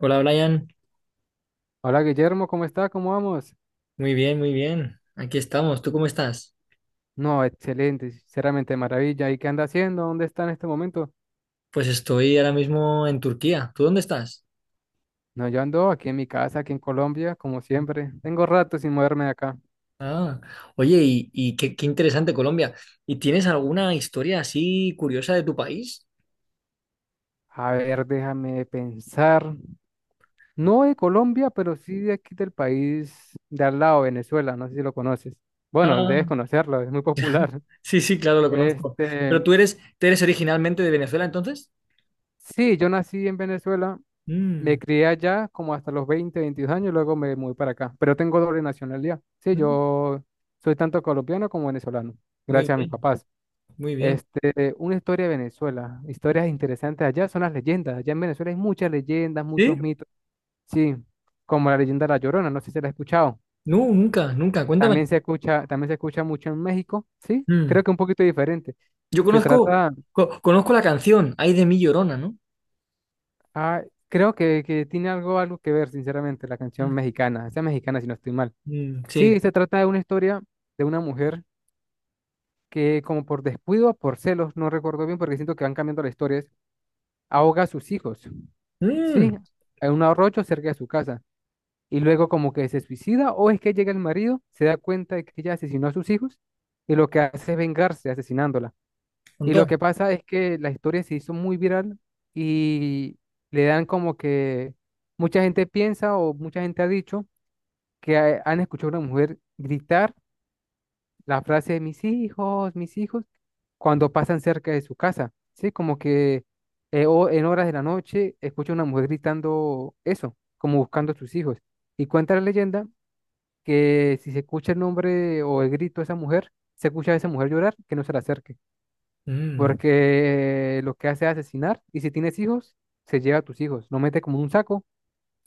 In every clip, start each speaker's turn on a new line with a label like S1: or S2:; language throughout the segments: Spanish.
S1: Hola Brian,
S2: Hola Guillermo, ¿cómo está? ¿Cómo vamos?
S1: muy bien, muy bien. Aquí estamos. ¿Tú cómo estás?
S2: No, excelente, sinceramente maravilla. ¿Y qué anda haciendo? ¿Dónde está en este momento?
S1: Pues estoy ahora mismo en Turquía. ¿Tú dónde estás?
S2: No, yo ando aquí en mi casa, aquí en Colombia, como siempre. Tengo rato sin moverme de acá.
S1: Ah, oye, y qué interesante Colombia. ¿Y tienes alguna historia así curiosa de tu país?
S2: A ver, déjame pensar. No de Colombia, pero sí de aquí del país de al lado, Venezuela. No sé si lo conoces. Bueno, debes
S1: Ah,
S2: conocerlo, es muy popular.
S1: sí, sí, claro, lo conozco.
S2: Este,
S1: Pero ¿tú eres originalmente de Venezuela entonces?
S2: sí, yo nací en Venezuela. Me
S1: Mm,
S2: crié allá como hasta los 20, 22 años, luego me moví para acá. Pero tengo doble nacionalidad. Sí,
S1: mm,
S2: yo soy tanto colombiano como venezolano,
S1: muy
S2: gracias a mis
S1: bien,
S2: papás.
S1: muy bien.
S2: Una historia de Venezuela, historias interesantes allá son las leyendas. Allá en Venezuela hay muchas leyendas, muchos
S1: ¿Sí?
S2: mitos. Sí, como la leyenda de la Llorona, no sé si se la ha escuchado.
S1: No, nunca, nunca. Cuéntame.
S2: También se escucha mucho en México, sí, creo
S1: Mm,
S2: que un poquito diferente.
S1: Yo
S2: Se
S1: conozco,
S2: trata,
S1: Conozco la canción, Ay de mi Llorona, ¿no?
S2: ah, creo que tiene algo que ver, sinceramente, la canción
S1: Mm,
S2: mexicana, esa mexicana si no estoy mal.
S1: mm,
S2: Sí,
S1: sí.
S2: se trata de una historia de una mujer que como por descuido, o por celos, no recuerdo bien porque siento que van cambiando las historias, ahoga a sus hijos, ¿sí?
S1: Mm,
S2: En un arroyo cerca de su casa. Y luego como que se suicida o es que llega el marido, se da cuenta de que ella asesinó a sus hijos y lo que hace es vengarse asesinándola.
S1: Son
S2: Y lo
S1: dos.
S2: que pasa es que la historia se hizo muy viral y le dan como que mucha gente piensa o mucha gente ha dicho que han escuchado a una mujer gritar la frase de mis hijos, cuando pasan cerca de su casa, ¿sí? Como que o en horas de la noche escucha una mujer gritando eso, como buscando a sus hijos. Y cuenta la leyenda que si se escucha el nombre o el grito de esa mujer, se escucha a esa mujer llorar, que no se le acerque,
S1: Mm.
S2: porque lo que hace es asesinar y si tienes hijos, se lleva a tus hijos, lo mete como en un saco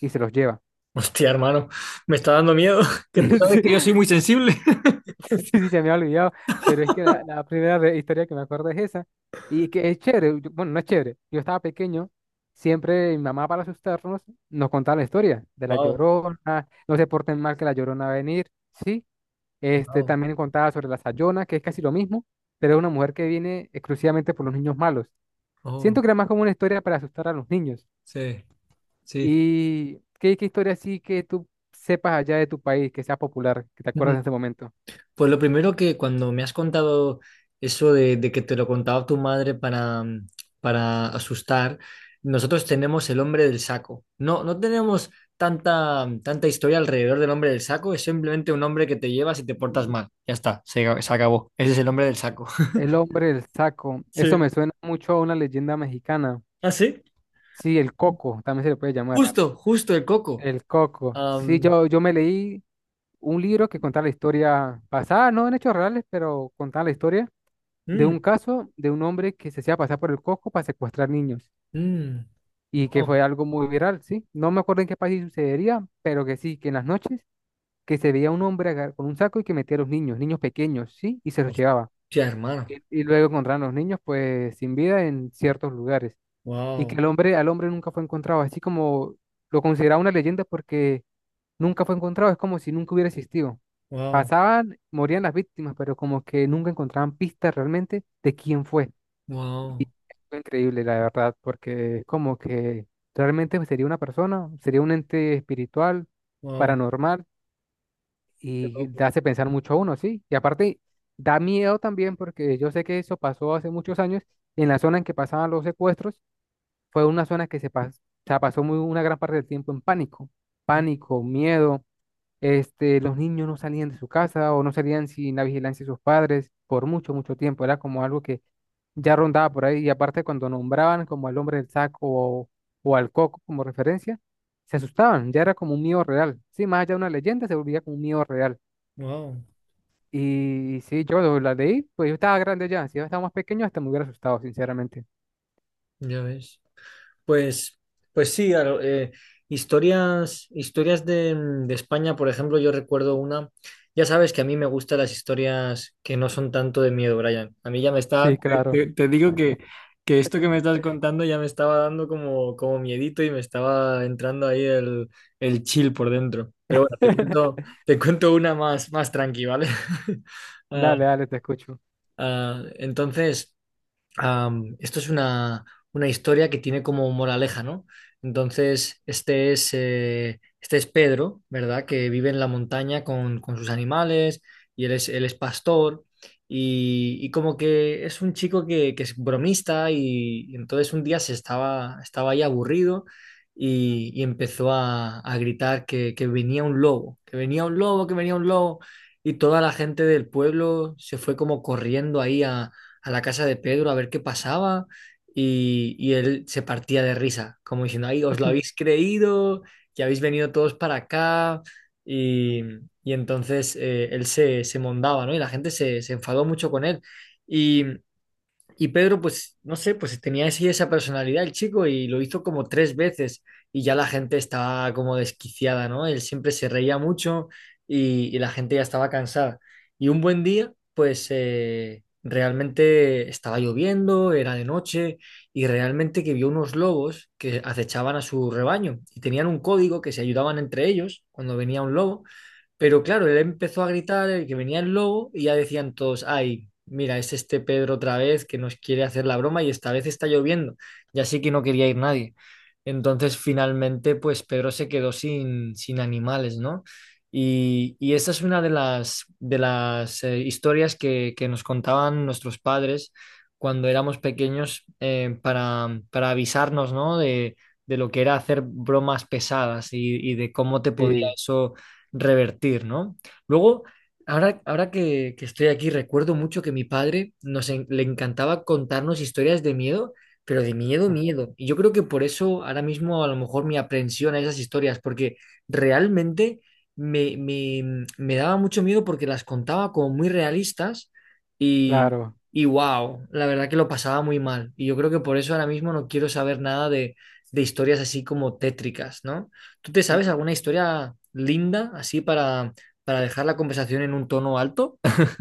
S2: y se los lleva.
S1: Hostia, hermano, me está dando miedo, que tú sabes
S2: Sí,
S1: que yo soy muy sensible.
S2: Sí, sí, se me ha olvidado, pero es que la primera historia que me acuerdo es esa. Y que es chévere, yo- bueno, no es chévere. Yo estaba pequeño, siempre mi mamá para asustarnos nos contaba la historia de la
S1: Wow,
S2: Llorona, no se porten mal que la Llorona va a venir, ¿sí?
S1: wow,
S2: También contaba sobre la Sayona, que es casi lo mismo, pero es una mujer que viene exclusivamente por los niños malos. Siento
S1: oh,
S2: que era más como una historia para asustar a los niños.
S1: sí, sí.
S2: ¿Y qué historia así que tú sepas allá de tu país, que sea popular, que te
S1: Mm.
S2: acuerdas en este momento?
S1: Pues lo primero que cuando me has contado eso de que te lo contaba tu madre para asustar, nosotros tenemos el hombre del saco. No, no tenemos tanta, tanta historia alrededor del hombre del saco, es simplemente un hombre que te lleva si te portas mal. Ya está, se acabó. Ese es el hombre del saco.
S2: El hombre del saco. Eso
S1: Sí.
S2: me suena mucho a una leyenda mexicana.
S1: ¿Ah, sí?
S2: Sí, el coco, también se le puede llamar.
S1: Justo, justo el coco.
S2: El coco. Sí,
S1: Am,
S2: yo me leí un libro que contaba la historia pasada, no en hechos reales, pero contaba la historia de
S1: mm,
S2: un caso de un hombre que se hacía pasar por el coco para secuestrar niños
S1: mm,
S2: y que
S1: wow.
S2: fue algo muy viral, ¿sí? No me acuerdo en qué país sucedería, pero que sí, que en las noches que se veía un hombre con un saco y que metía a los niños, niños pequeños, ¿sí? Y se los llevaba.
S1: Hostia, hermano.
S2: Y luego encontraban los niños pues sin vida en ciertos lugares. Y que
S1: Wow,
S2: el hombre, al hombre nunca fue encontrado, así como lo consideraba una leyenda porque nunca fue encontrado, es como si nunca hubiera existido.
S1: wow,
S2: Pasaban, morían las víctimas, pero como que nunca encontraban pistas realmente de quién fue. Y
S1: wow,
S2: fue increíble, la verdad, porque es como que realmente sería una persona, sería un ente espiritual,
S1: wow,
S2: paranormal,
S1: qué
S2: y te
S1: loco.
S2: hace pensar mucho a uno, ¿sí? Y aparte, da miedo también porque yo sé que eso pasó hace muchos años en la zona en que pasaban los secuestros fue una zona que se pasó muy, una gran parte del tiempo en pánico,
S1: Mm,
S2: pánico, miedo. Los niños no salían de su casa o no salían sin la vigilancia de sus padres por mucho, mucho tiempo. Era como algo que ya rondaba por ahí. Y aparte, cuando nombraban como al hombre del saco o al coco como referencia, se asustaban. Ya era como un miedo real. Sí, más allá de una leyenda, se volvía como un miedo real.
S1: wow.
S2: Y sí, yo la leí, pues yo estaba grande ya. Si yo estaba más pequeño, hasta me hubiera asustado, sinceramente.
S1: Ya ves. Pues, pues sí, a historias de España, por ejemplo, yo recuerdo una, ya sabes que a mí me gustan las historias que no son tanto de miedo, Brian. A mí ya me está,
S2: Sí,
S1: te,
S2: claro.
S1: te- te digo que esto que me estás contando ya me estaba dando como miedito y me estaba entrando ahí el chill por dentro. Pero bueno, te cuento, te cuento una más, más tranqui, ¿vale? Ah,
S2: Dale, dale, te escucho.
S1: ah, entonces, esto es una historia que tiene como moraleja, ¿no? Entonces, este es Pedro, ¿verdad? Que vive en la montaña con sus animales y él es pastor, y como que es un chico que es bromista, y entonces un día estaba ahí aburrido, y empezó a gritar que venía un lobo, que venía un lobo, que venía un lobo, y toda la gente del pueblo se fue como corriendo ahí a la casa de Pedro a ver qué pasaba, y él se partía de risa, como diciendo, ay, os lo habéis creído, que habéis venido todos para acá, y, y entonces él se mondaba, ¿no? Y la gente se enfadó mucho con él. Y y Pedro, pues, no sé, pues tenía así esa personalidad el chico y lo hizo como tres veces, y ya la gente estaba como desquiciada, ¿no? Él siempre se reía mucho, y la gente ya estaba cansada. Y un buen día, pues, realmente estaba lloviendo, era de noche, y realmente que vio unos lobos que acechaban a su rebaño y tenían un código que se ayudaban entre ellos cuando venía un lobo. Pero claro, él empezó a gritar, que venía el lobo, y ya decían todos, ay, mira, es este Pedro otra vez que nos quiere hacer la broma y esta vez está lloviendo. Ya así que no quería ir nadie. Entonces, finalmente, pues Pedro se quedó sin animales, ¿no? Y esa es una de las historias que nos contaban nuestros padres cuando éramos pequeños, para avisarnos, ¿no? De lo que era hacer bromas pesadas, y de cómo te podía
S2: Sí,
S1: eso revertir, ¿no? Luego, ahora, ahora que estoy aquí, recuerdo mucho que mi padre le encantaba contarnos historias de miedo, pero de miedo,
S2: ah,
S1: miedo. Y yo creo que por eso ahora mismo a lo mejor mi aprensión a esas historias, porque realmente me daba mucho miedo porque las contaba como muy realistas y.
S2: claro.
S1: Y wow, la verdad que lo pasaba muy mal. Y yo creo que por eso ahora mismo no quiero saber nada de historias así como tétricas, ¿no? ¿Tú te sabes
S2: L-
S1: alguna historia linda así para dejar la conversación en un tono alto?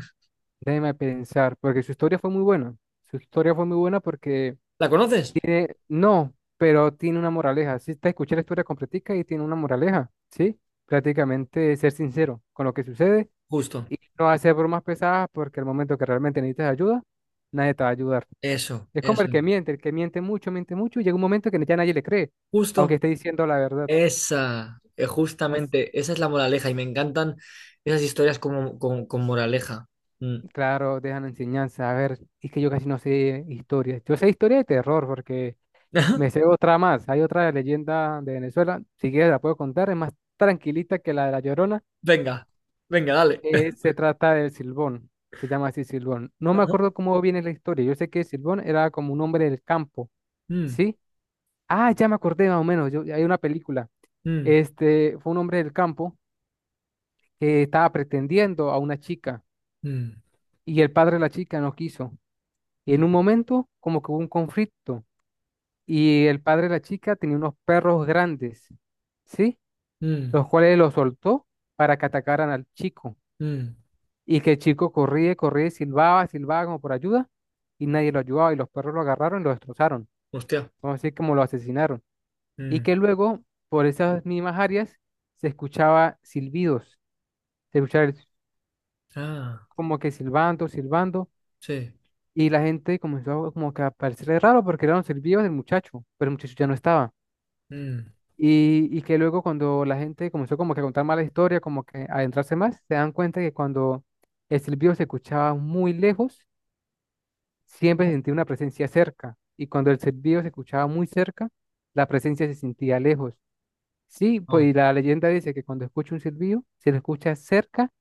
S2: Déjeme pensar, porque su historia fue muy buena. Su historia fue muy buena porque
S1: ¿La conoces?
S2: no, pero tiene una moraleja. Si te escuché la historia completica y tiene una moraleja, ¿sí? Prácticamente ser sincero con lo que sucede
S1: Justo.
S2: y no hacer bromas pesadas porque al momento que realmente necesitas ayuda, nadie te va a ayudar.
S1: Eso,
S2: Es como
S1: eso.
S2: el que miente mucho y llega un momento que ya nadie le cree, aunque
S1: Justo.
S2: esté diciendo la verdad.
S1: Esa. Justamente. Esa es la moraleja y me encantan esas historias con moraleja. Mm.
S2: Claro, dejan enseñanza. A ver, es que yo casi no sé historias. Yo sé historia de terror porque me sé otra más. Hay otra leyenda de Venezuela. Si quieres la puedo contar. Es más tranquilita que la de La Llorona.
S1: Venga, venga, dale.
S2: Se trata del Silbón. Se llama así Silbón. No me
S1: Ajá.
S2: acuerdo cómo viene la historia. Yo sé que Silbón era como un hombre del campo.
S1: Mm,
S2: ¿Sí? Ah, ya me acordé más o menos. Yo, hay una película.
S1: mm,
S2: Este fue un hombre del campo que estaba pretendiendo a una chica
S1: mm,
S2: y el padre de la chica no quiso. Y
S1: mm,
S2: en un momento como que hubo un conflicto y el padre de la chica tenía unos perros grandes, ¿sí?
S1: mm,
S2: Los cuales los soltó para que atacaran al chico.
S1: mm.
S2: Y que el chico corría, corría, y silbaba, silbaba como por ayuda, y nadie lo ayudaba, y los perros lo agarraron y lo destrozaron,
S1: Hostia.
S2: vamos a decir como lo asesinaron. Y
S1: Mm.
S2: que luego, por esas mismas áreas, se escuchaba silbidos, se escuchaba el-
S1: Ah,
S2: como que silbando, silbando,
S1: sí.
S2: y la gente comenzó a- como que a parecerle raro porque eran los silbidos del muchacho, pero el muchacho ya no estaba.
S1: Mm.
S2: Y que luego cuando la gente comenzó como que a contar mala historia, como que a adentrarse más, se dan cuenta que cuando el silbido se escuchaba muy lejos, siempre se sentía una presencia cerca. Y cuando el silbido se escuchaba muy cerca, la presencia se sentía lejos. Sí, pues
S1: Oh.
S2: y la leyenda dice que cuando escucha un silbido, si lo escuchas cerca,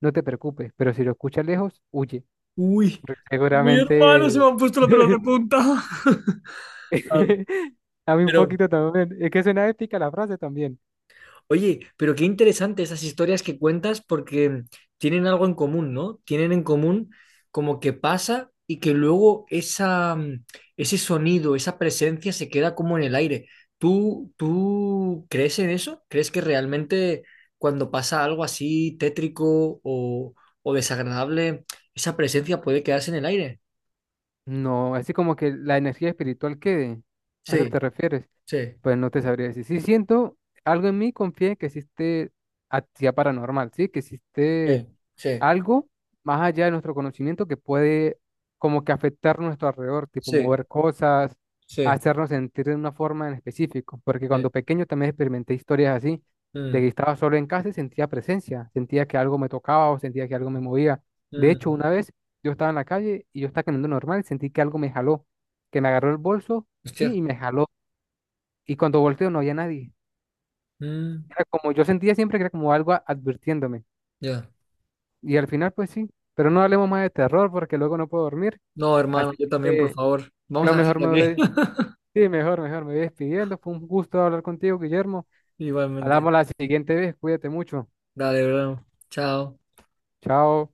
S2: no te preocupes, pero si lo escuchas lejos, huye.
S1: Uy,
S2: Porque
S1: mi hermano, se
S2: seguramente...
S1: me han puesto los pelos de punta. Ah.
S2: A mí un
S1: Pero,
S2: poquito también. Es que suena épica la frase también.
S1: Oye, pero qué interesante esas historias que cuentas porque tienen algo en común, ¿no? Tienen en común como que pasa y que luego ese sonido, esa presencia se queda como en el aire. ¿Tú crees en eso? ¿Crees que realmente cuando pasa algo así tétrico o desagradable, esa presencia puede quedarse en el aire?
S2: No, así como que la energía espiritual quede. ¿A eso te
S1: Sí,
S2: refieres?
S1: sí,
S2: Pues no te sabría decir. Sí siento, algo en mí confía en que existe actividad paranormal, sí, que existe
S1: sí, sí,
S2: algo más allá de nuestro conocimiento que puede como que afectar nuestro alrededor, tipo
S1: sí,
S2: mover cosas,
S1: sí,
S2: hacernos sentir de una forma en específico, porque
S1: sí.
S2: cuando pequeño también experimenté historias así, de
S1: Mm,
S2: que estaba solo en casa y sentía presencia, sentía que algo me tocaba o sentía que algo me movía. De
S1: mm.
S2: hecho, una vez yo estaba en la calle y yo estaba caminando normal y sentí que algo me jaló, que me agarró el bolso, sí,
S1: Hostia.
S2: y me jaló. Y cuando volteo no había nadie.
S1: Mm,
S2: Era como yo sentía siempre que era como algo advirtiéndome.
S1: ya.
S2: Y al final, pues sí, pero no hablemos más de terror porque luego no puedo dormir.
S1: No, hermano,
S2: Así
S1: yo también, por
S2: que
S1: favor. Vamos
S2: yo
S1: a
S2: mejor
S1: dejarlo
S2: me
S1: aquí.
S2: voy, sí, mejor, mejor, me voy despidiendo. Fue un gusto hablar contigo, Guillermo.
S1: Igualmente.
S2: Hablamos la siguiente vez, cuídate mucho.
S1: Dale, bro. Chao.
S2: Chao.